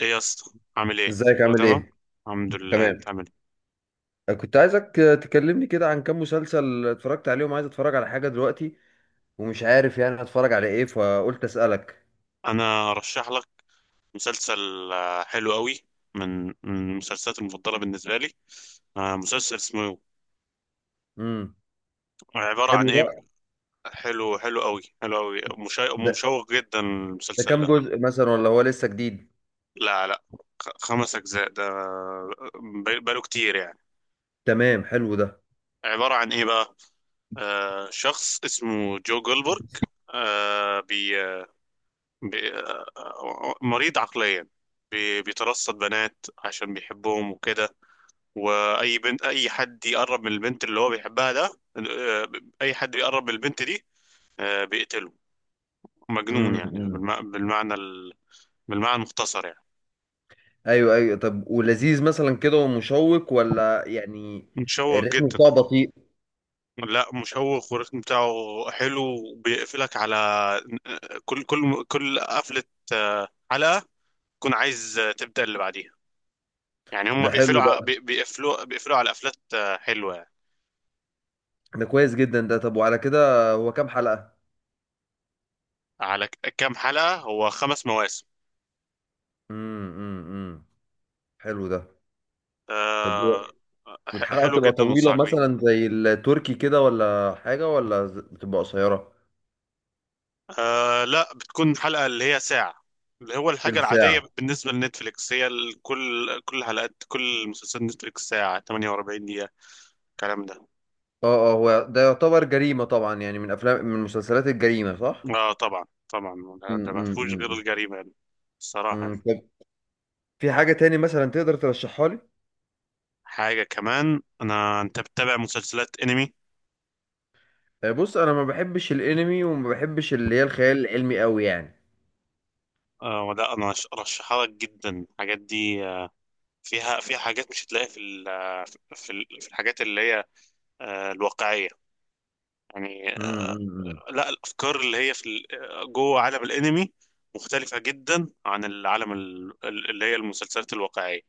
ايه يا اسطى، عامل ايه؟ ازيك كله عامل ايه؟ تمام، الحمد لله. انت تمام. عامل ايه؟ كنت عايزك تكلمني كده عن كام مسلسل اتفرجت عليهم، عايز اتفرج على حاجة دلوقتي ومش عارف يعني اتفرج على ايه، فقلت اسألك. انا ارشح لك مسلسل حلو قوي، من المسلسلات المفضله بالنسبه لي. مسلسل اسمه، امم. عباره حلو عن ايه؟ ده. حلو، حلو قوي، ده مشوق جدا ده المسلسل كام ده. جزء مثلا ولا هو لسه جديد؟ لا لا، خمس اجزاء ده، بقاله كتير يعني. تمام، حلو ده. عباره عن ايه بقى؟ شخص اسمه جو جولبرج، بي... آه، مريض عقليا، بيترصد بنات عشان بيحبهم وكده. واي بنت، اي حد يقرب من البنت اللي هو بيحبها ده، آه، اي حد بيقرب من البنت دي، بيقتله. مجنون امم، يعني، امم. بالمعنى المختصر يعني. ايوه، ايوه، طب ولذيذ مثلا كده ومشوق، ولا يعني مشوق الريتم جدا. بتاعه بطيء؟ لا، مشوق والريتم بتاعه حلو، وبيقفلك على كل قفلة حلقة تكون عايز تبدأ اللي بعديها. يعني هم ده حلو بيقفلوا ده بيقفلوا على قفلات حلوة يعني. ده كويس جدا. ده، طب وعلى كده هو كام حلقة؟ على كام حلقة؟ هو خمس مواسم. امم، امم، امم. حلو ده. طب، آه. الحلقة حلو بتبقى جدا، طويلة انصحك بيه. مثلا زي التركي كده ولا حاجة، ولا بتبقى قصيرة؟ لا، بتكون حلقة اللي هي ساعة، اللي هو الحاجة العادية الساعة. بالنسبة لنتفليكس. هي كل حلقات كل مسلسل نتفليكس ساعة 48 دقيقة، الكلام ده. اه، اه، هو ده يعتبر جريمة طبعا، يعني من أفلام، من مسلسلات الجريمة، صح؟ اه طبعا طبعا، ده ما فيهوش غير امم. الجريمة يعني. الصراحة يعني. طب، في حاجة تاني مثلا تقدر ترشحها لي؟ حاجة كمان. انا، انت بتتابع مسلسلات انمي؟ بص، أنا ما بحبش الأنمي وما بحبش اللي هي الخيال العلمي أوي يعني. ولا؟ انا ارشحها لك جدا الحاجات دي. فيها حاجات مش هتلاقيها في الحاجات اللي هي الواقعية يعني. امم. لا، الأفكار اللي هي في ال- آه، جوه عالم الأنمي مختلفة جدا عن العالم، اللي هي المسلسلات الواقعية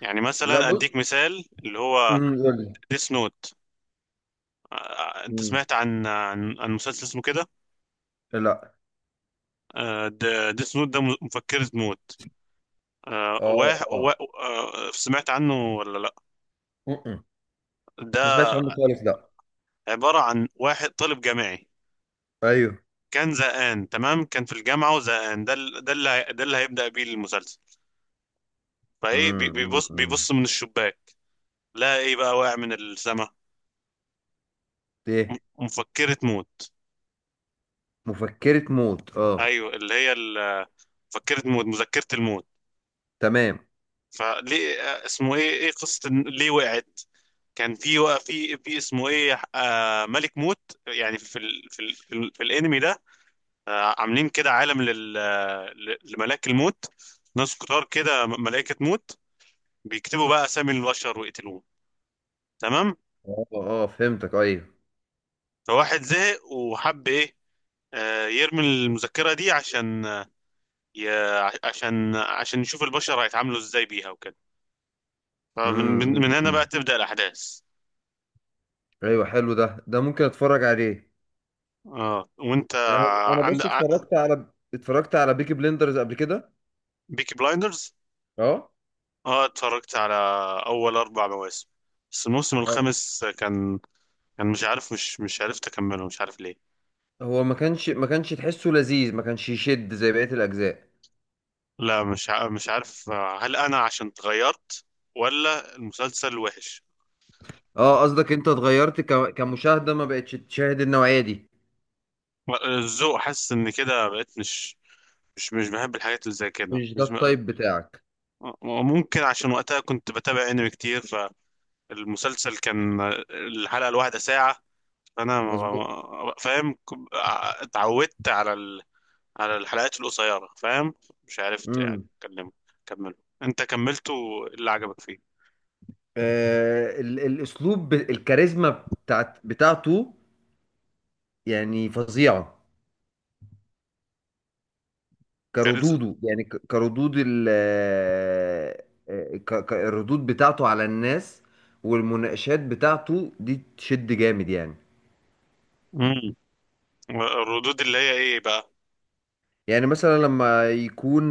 يعني. لا، مثلا بص. أديك مثال، اللي هو امم، قول لي. ديس نوت. أنت مم. سمعت عن عن مسلسل اسمه كده؟ لا. ديس نوت ده مفكرة موت. اه، واحد اه. سمعت عنه ولا لا؟ مم. ما ده سمعتش عنه خالص، لا. عبارة عن واحد طالب جامعي ايوه. كان زهقان. تمام، كان في الجامعة وزهقان. ده ال- ده اللي هي- ده اللي هيبدأ بيه المسلسل. فايه بي- بيبص امم. بيبص من الشباك. لا ايه بقى؟ واقع من السما، م- ايه؟ مفكرة موت. مفكرة موت، اه. ايوه، اللي هي مفكرة موت، مذكرة الموت. تمام. فليه اسمه ايه، ايه قصة ليه وقعت؟ كان في، وقع في اسمه ايه ملك موت. يعني في الانمي ده، آه، عاملين كده عالم لملاك الموت. ناس كتار كده، ملائكة موت بيكتبوا بقى اسامي البشر ويقتلوهم، تمام. اه، اه، فهمتك، ايوه. فواحد زهق وحب ايه، يرمي المذكرة دي عشان ي... عشان يشوف البشر هيتعاملوا ازاي بيها وكده. فمن امم، من, أمم، من هنا بقى أمم. تبدأ الأحداث. ايوه، حلو ده ممكن اتفرج عليه. اه، وانت؟ انا انا عند بص، ع- اتفرجت على بيكي بليندرز قبل كده. بيكي بلايندرز. اه، اه، اتفرجت على أول أربع مواسم، بس الموسم اه، الخامس كان، كان مش عارف، مش عرفت أكمله، مش عارف ليه. هو ما كانش تحسه لذيذ، ما كانش يشد زي بقية الاجزاء؟ لا، مش مش عارف هل أنا عشان اتغيرت، ولا المسلسل وحش. اه، قصدك انت اتغيرت كمشاهدة، ما بقتش تشاهد النوعية دي؟ الذوق، حاسس إن كده بقيت مش بحب الحاجات اللي زي كده، مش ده مش التايب بتاعك. ممكن. عشان وقتها كنت بتابع انمي كتير، فالمسلسل كان الحلقة الواحدة ساعة، فانا مظبوط. فاهم، اتعودت على على الحلقات القصيرة، فاهم، مش عرفت يعني امم. اكلمه، كمله. انت كملته؟ اللي عجبك فيه؟ الاسلوب الكاريزما بتاعته يعني فظيعة. كاريزما. كردوده يعني، كردود ال آه، آه، ك- ك- الردود بتاعته على الناس، والمناقشات بتاعته دي تشد جامد يعني. امم. الردود اللي هي ايه بقى؟ يعني مثلا لما يكون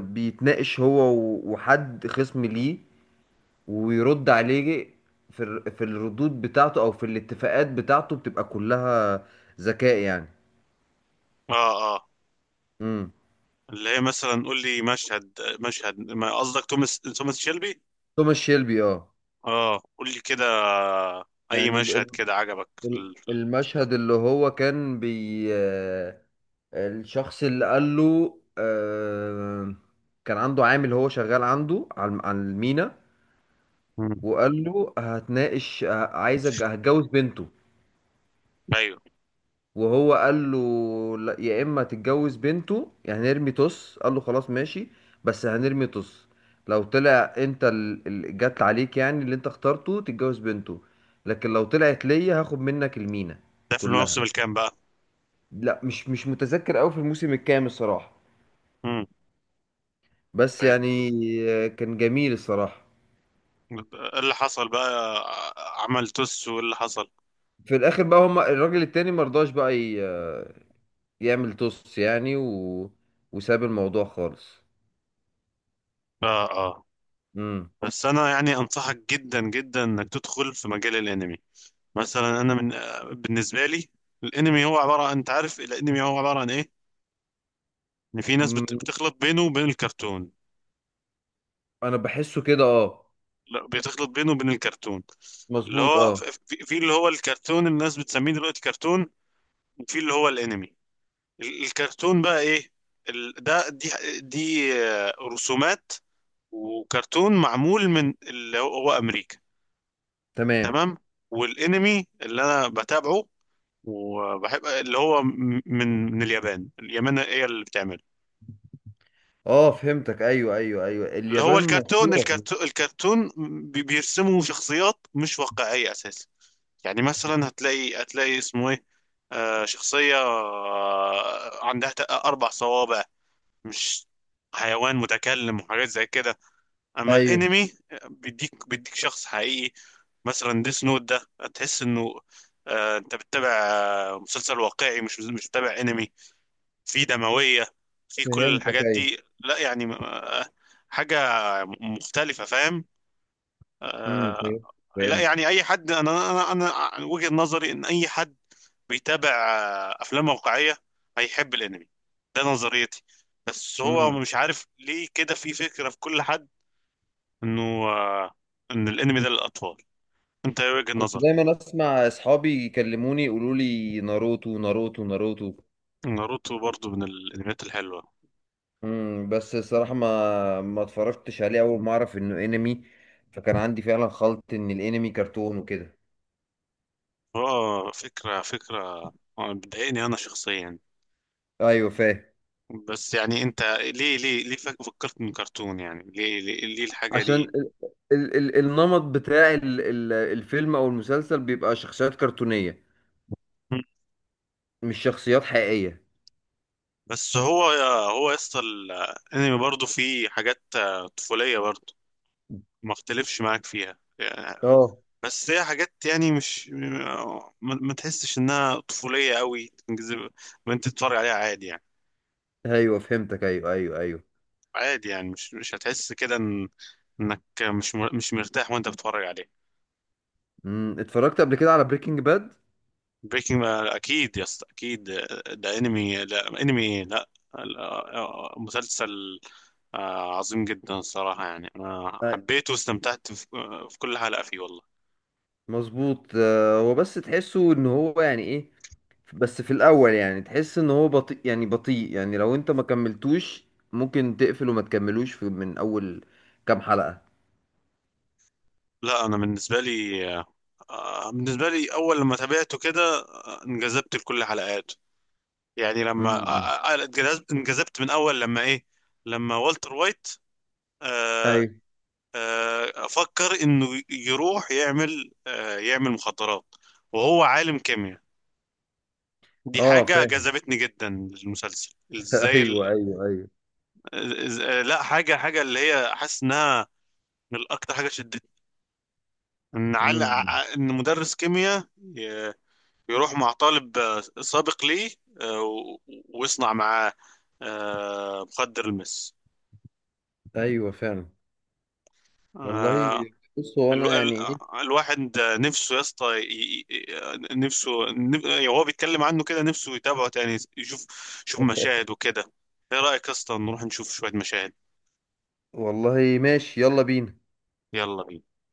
بيتناقش هو وحد خصم ليه، ويرد عليه، في الردود بتاعته او في الاتفاقات بتاعته، بتبقى كلها ذكاء يعني. اه اه. امم. اللي هي مثلا، قول لي مشهد، مشهد ما قصدك توماس، شيلبي؟ توماس شيلبي، اه. اه، قول لي كده، اي يعني مشهد كده عجبك في المشهد اللي هو كان بي آه، الشخص اللي قال له كان عنده عامل، هو شغال عنده على المينا. مم. وقال له هتناقش، عايز هتجوز بنته. ايوه، وهو قال له: لا، يا اما تتجوز بنته، يعني هنرمي طص، قال له خلاص ماشي، بس هنرمي طص، لو طلع انت اللي جت عليك، يعني اللي انت اخترته تتجوز بنته، لكن لو طلعت ليا هاخد منك المينا ده في كلها. الموسم الكام بقى؟ لا، مش متذكر قوي في الموسم الكام الصراحة، امم. بس ايه يعني كان جميل الصراحة. اللي حصل بقى؟ عمل توس واللي حصل. في الاخر بقى، هم الراجل التاني مرضاش بقى ي... آه، يعمل توس يعني وساب الموضوع خالص. اه اه. امم، بس انا يعني انصحك جدا جدا انك تدخل في مجال الانمي. مثلا انا من بالنسبه لي الانمي هو عباره عن، انت عارف الانمي هو عباره عن ايه؟ ان في ناس أمم. بتخلط بينه وبين الكرتون. انا بحسه كده، اه. لا، بتخلط بينه وبين الكرتون. اللي مظبوط، هو اه. في، اللي هو الكرتون الناس بتسميه دلوقتي كرتون، وفي اللي هو الانمي. الكرتون بقى ايه؟ ال- ده دي دي رسومات، وكرتون معمول من اللي هو امريكا. تمام. تمام. والانمي اللي انا بتابعه وبحب، اللي هو من اليابان. اليابان هي اللي بتعمله. اه، فهمتك، ايوه، ايوه، ايوه، اللي هو اليابان الكرتون مشهورة. الكرتون الكرتون بيرسموا شخصيات مش واقعية اساسا. يعني مثلا، هتلاقي اسمه ايه، شخصية عندها اربع صوابع، مش حيوان متكلم وحاجات زي كده. اما ايوه، الانمي، بيديك شخص حقيقي. مثلا ديس نوت ده، تحس انه انت بتتابع مسلسل واقعي، مش بتتابع انمي. في دموية، في كل فهمتك، الحاجات ايوه. دي. لا يعني، حاجة مختلفة، فاهم. امم، آه لا فهمتك. يعني اي حد، انا عن وجهة نظري ان اي حد بيتابع افلام واقعية هيحب الانمي. ده نظريتي، بس هو امم. مش عارف ليه كده في فكرة في كل حد انه آه، ان الانمي ده للاطفال. انت ايه وجهة كنت نظرك؟ دايما اسمع اصحابي يكلموني، يقولوا لي ناروتو ناروتو ناروتو. ناروتو برضو من الانميات الحلوه. امم، بس الصراحة ما اتفرجتش عليه أول ما أعرف إنه أنمي، فكان عندي فعلا خلط إن الأنمي كرتون وكده. اه، فكره فكره بتضايقني انا شخصيا. أيوه، فاهم. بس يعني انت، ليه ليه ليه فكرت من كرتون يعني؟ ليه الحاجه عشان دي؟ ال ال ال النمط بتاع ال ال الفيلم او المسلسل بيبقى شخصيات كرتونية، مم. مش شخصيات حقيقية. بس هو يا اسطى الانمي برضو فيه حاجات طفوليه برضو، ما اختلفش معاك فيها يعني. اه، بس هي حاجات يعني مش آه، ما, ما تحسش انها طفوليه قوي، تنجذب وانت تتفرج عليها عادي يعني. ايوه، فهمتك، ايوه، ايوه، ايوه. عادي يعني مش هتحس كده إنك مش مرتاح وأنت بتتفرج عليه. امم، اتفرجت قبل كده على بريكنج باد. بريكنج؟ أكيد يا اسطى، أكيد. ده أنمي؟ لا، أنمي إيه؟ لا، لا، مسلسل عظيم جدا الصراحة. يعني أنا أي- حبيته واستمتعت في كل حلقة فيه، والله. مظبوط، هو بس تحسه ان هو يعني ايه، بس في الاول يعني تحس ان هو بطيء، يعني بطيء، يعني لو انت ما كملتوش، ممكن تقفل وما تكملوش في من اول كام حلقة. لا، أنا بالنسبة لي، أول لما تابعته كده انجذبت لكل حلقاته. يعني لما امم. انجذبت من أول لما إيه، لما والتر وايت آه، ايوه، افكر انه يروح يعمل يعمل مخدرات، وهو عالم كيمياء. دي اه، حاجة فاهم. جذبتني جدا للمسلسل، ازاي ايوه، ال... ايوه، ايوه. إز... آه، لا، حاجة اللي هي، حاسس انها الاكتر حاجة شدتني، ان على امم، ع- ان مدرس كيمياء ي- يروح مع طالب سابق ليه آه، و- ويصنع معاه مخدر المس. ايوه فعلا، والله. آه، بص، هو ال... انا ال... يعني ايه. الواحد نفسه يا اسطى، يعني هو بيتكلم عنه كده، نفسه يتابعه تاني، يشوف مشاهد وكده. ايه رأيك يا اسطى، نروح نشوف شوية مشاهد؟ والله، ماشي، يلا بينا. يلا بينا.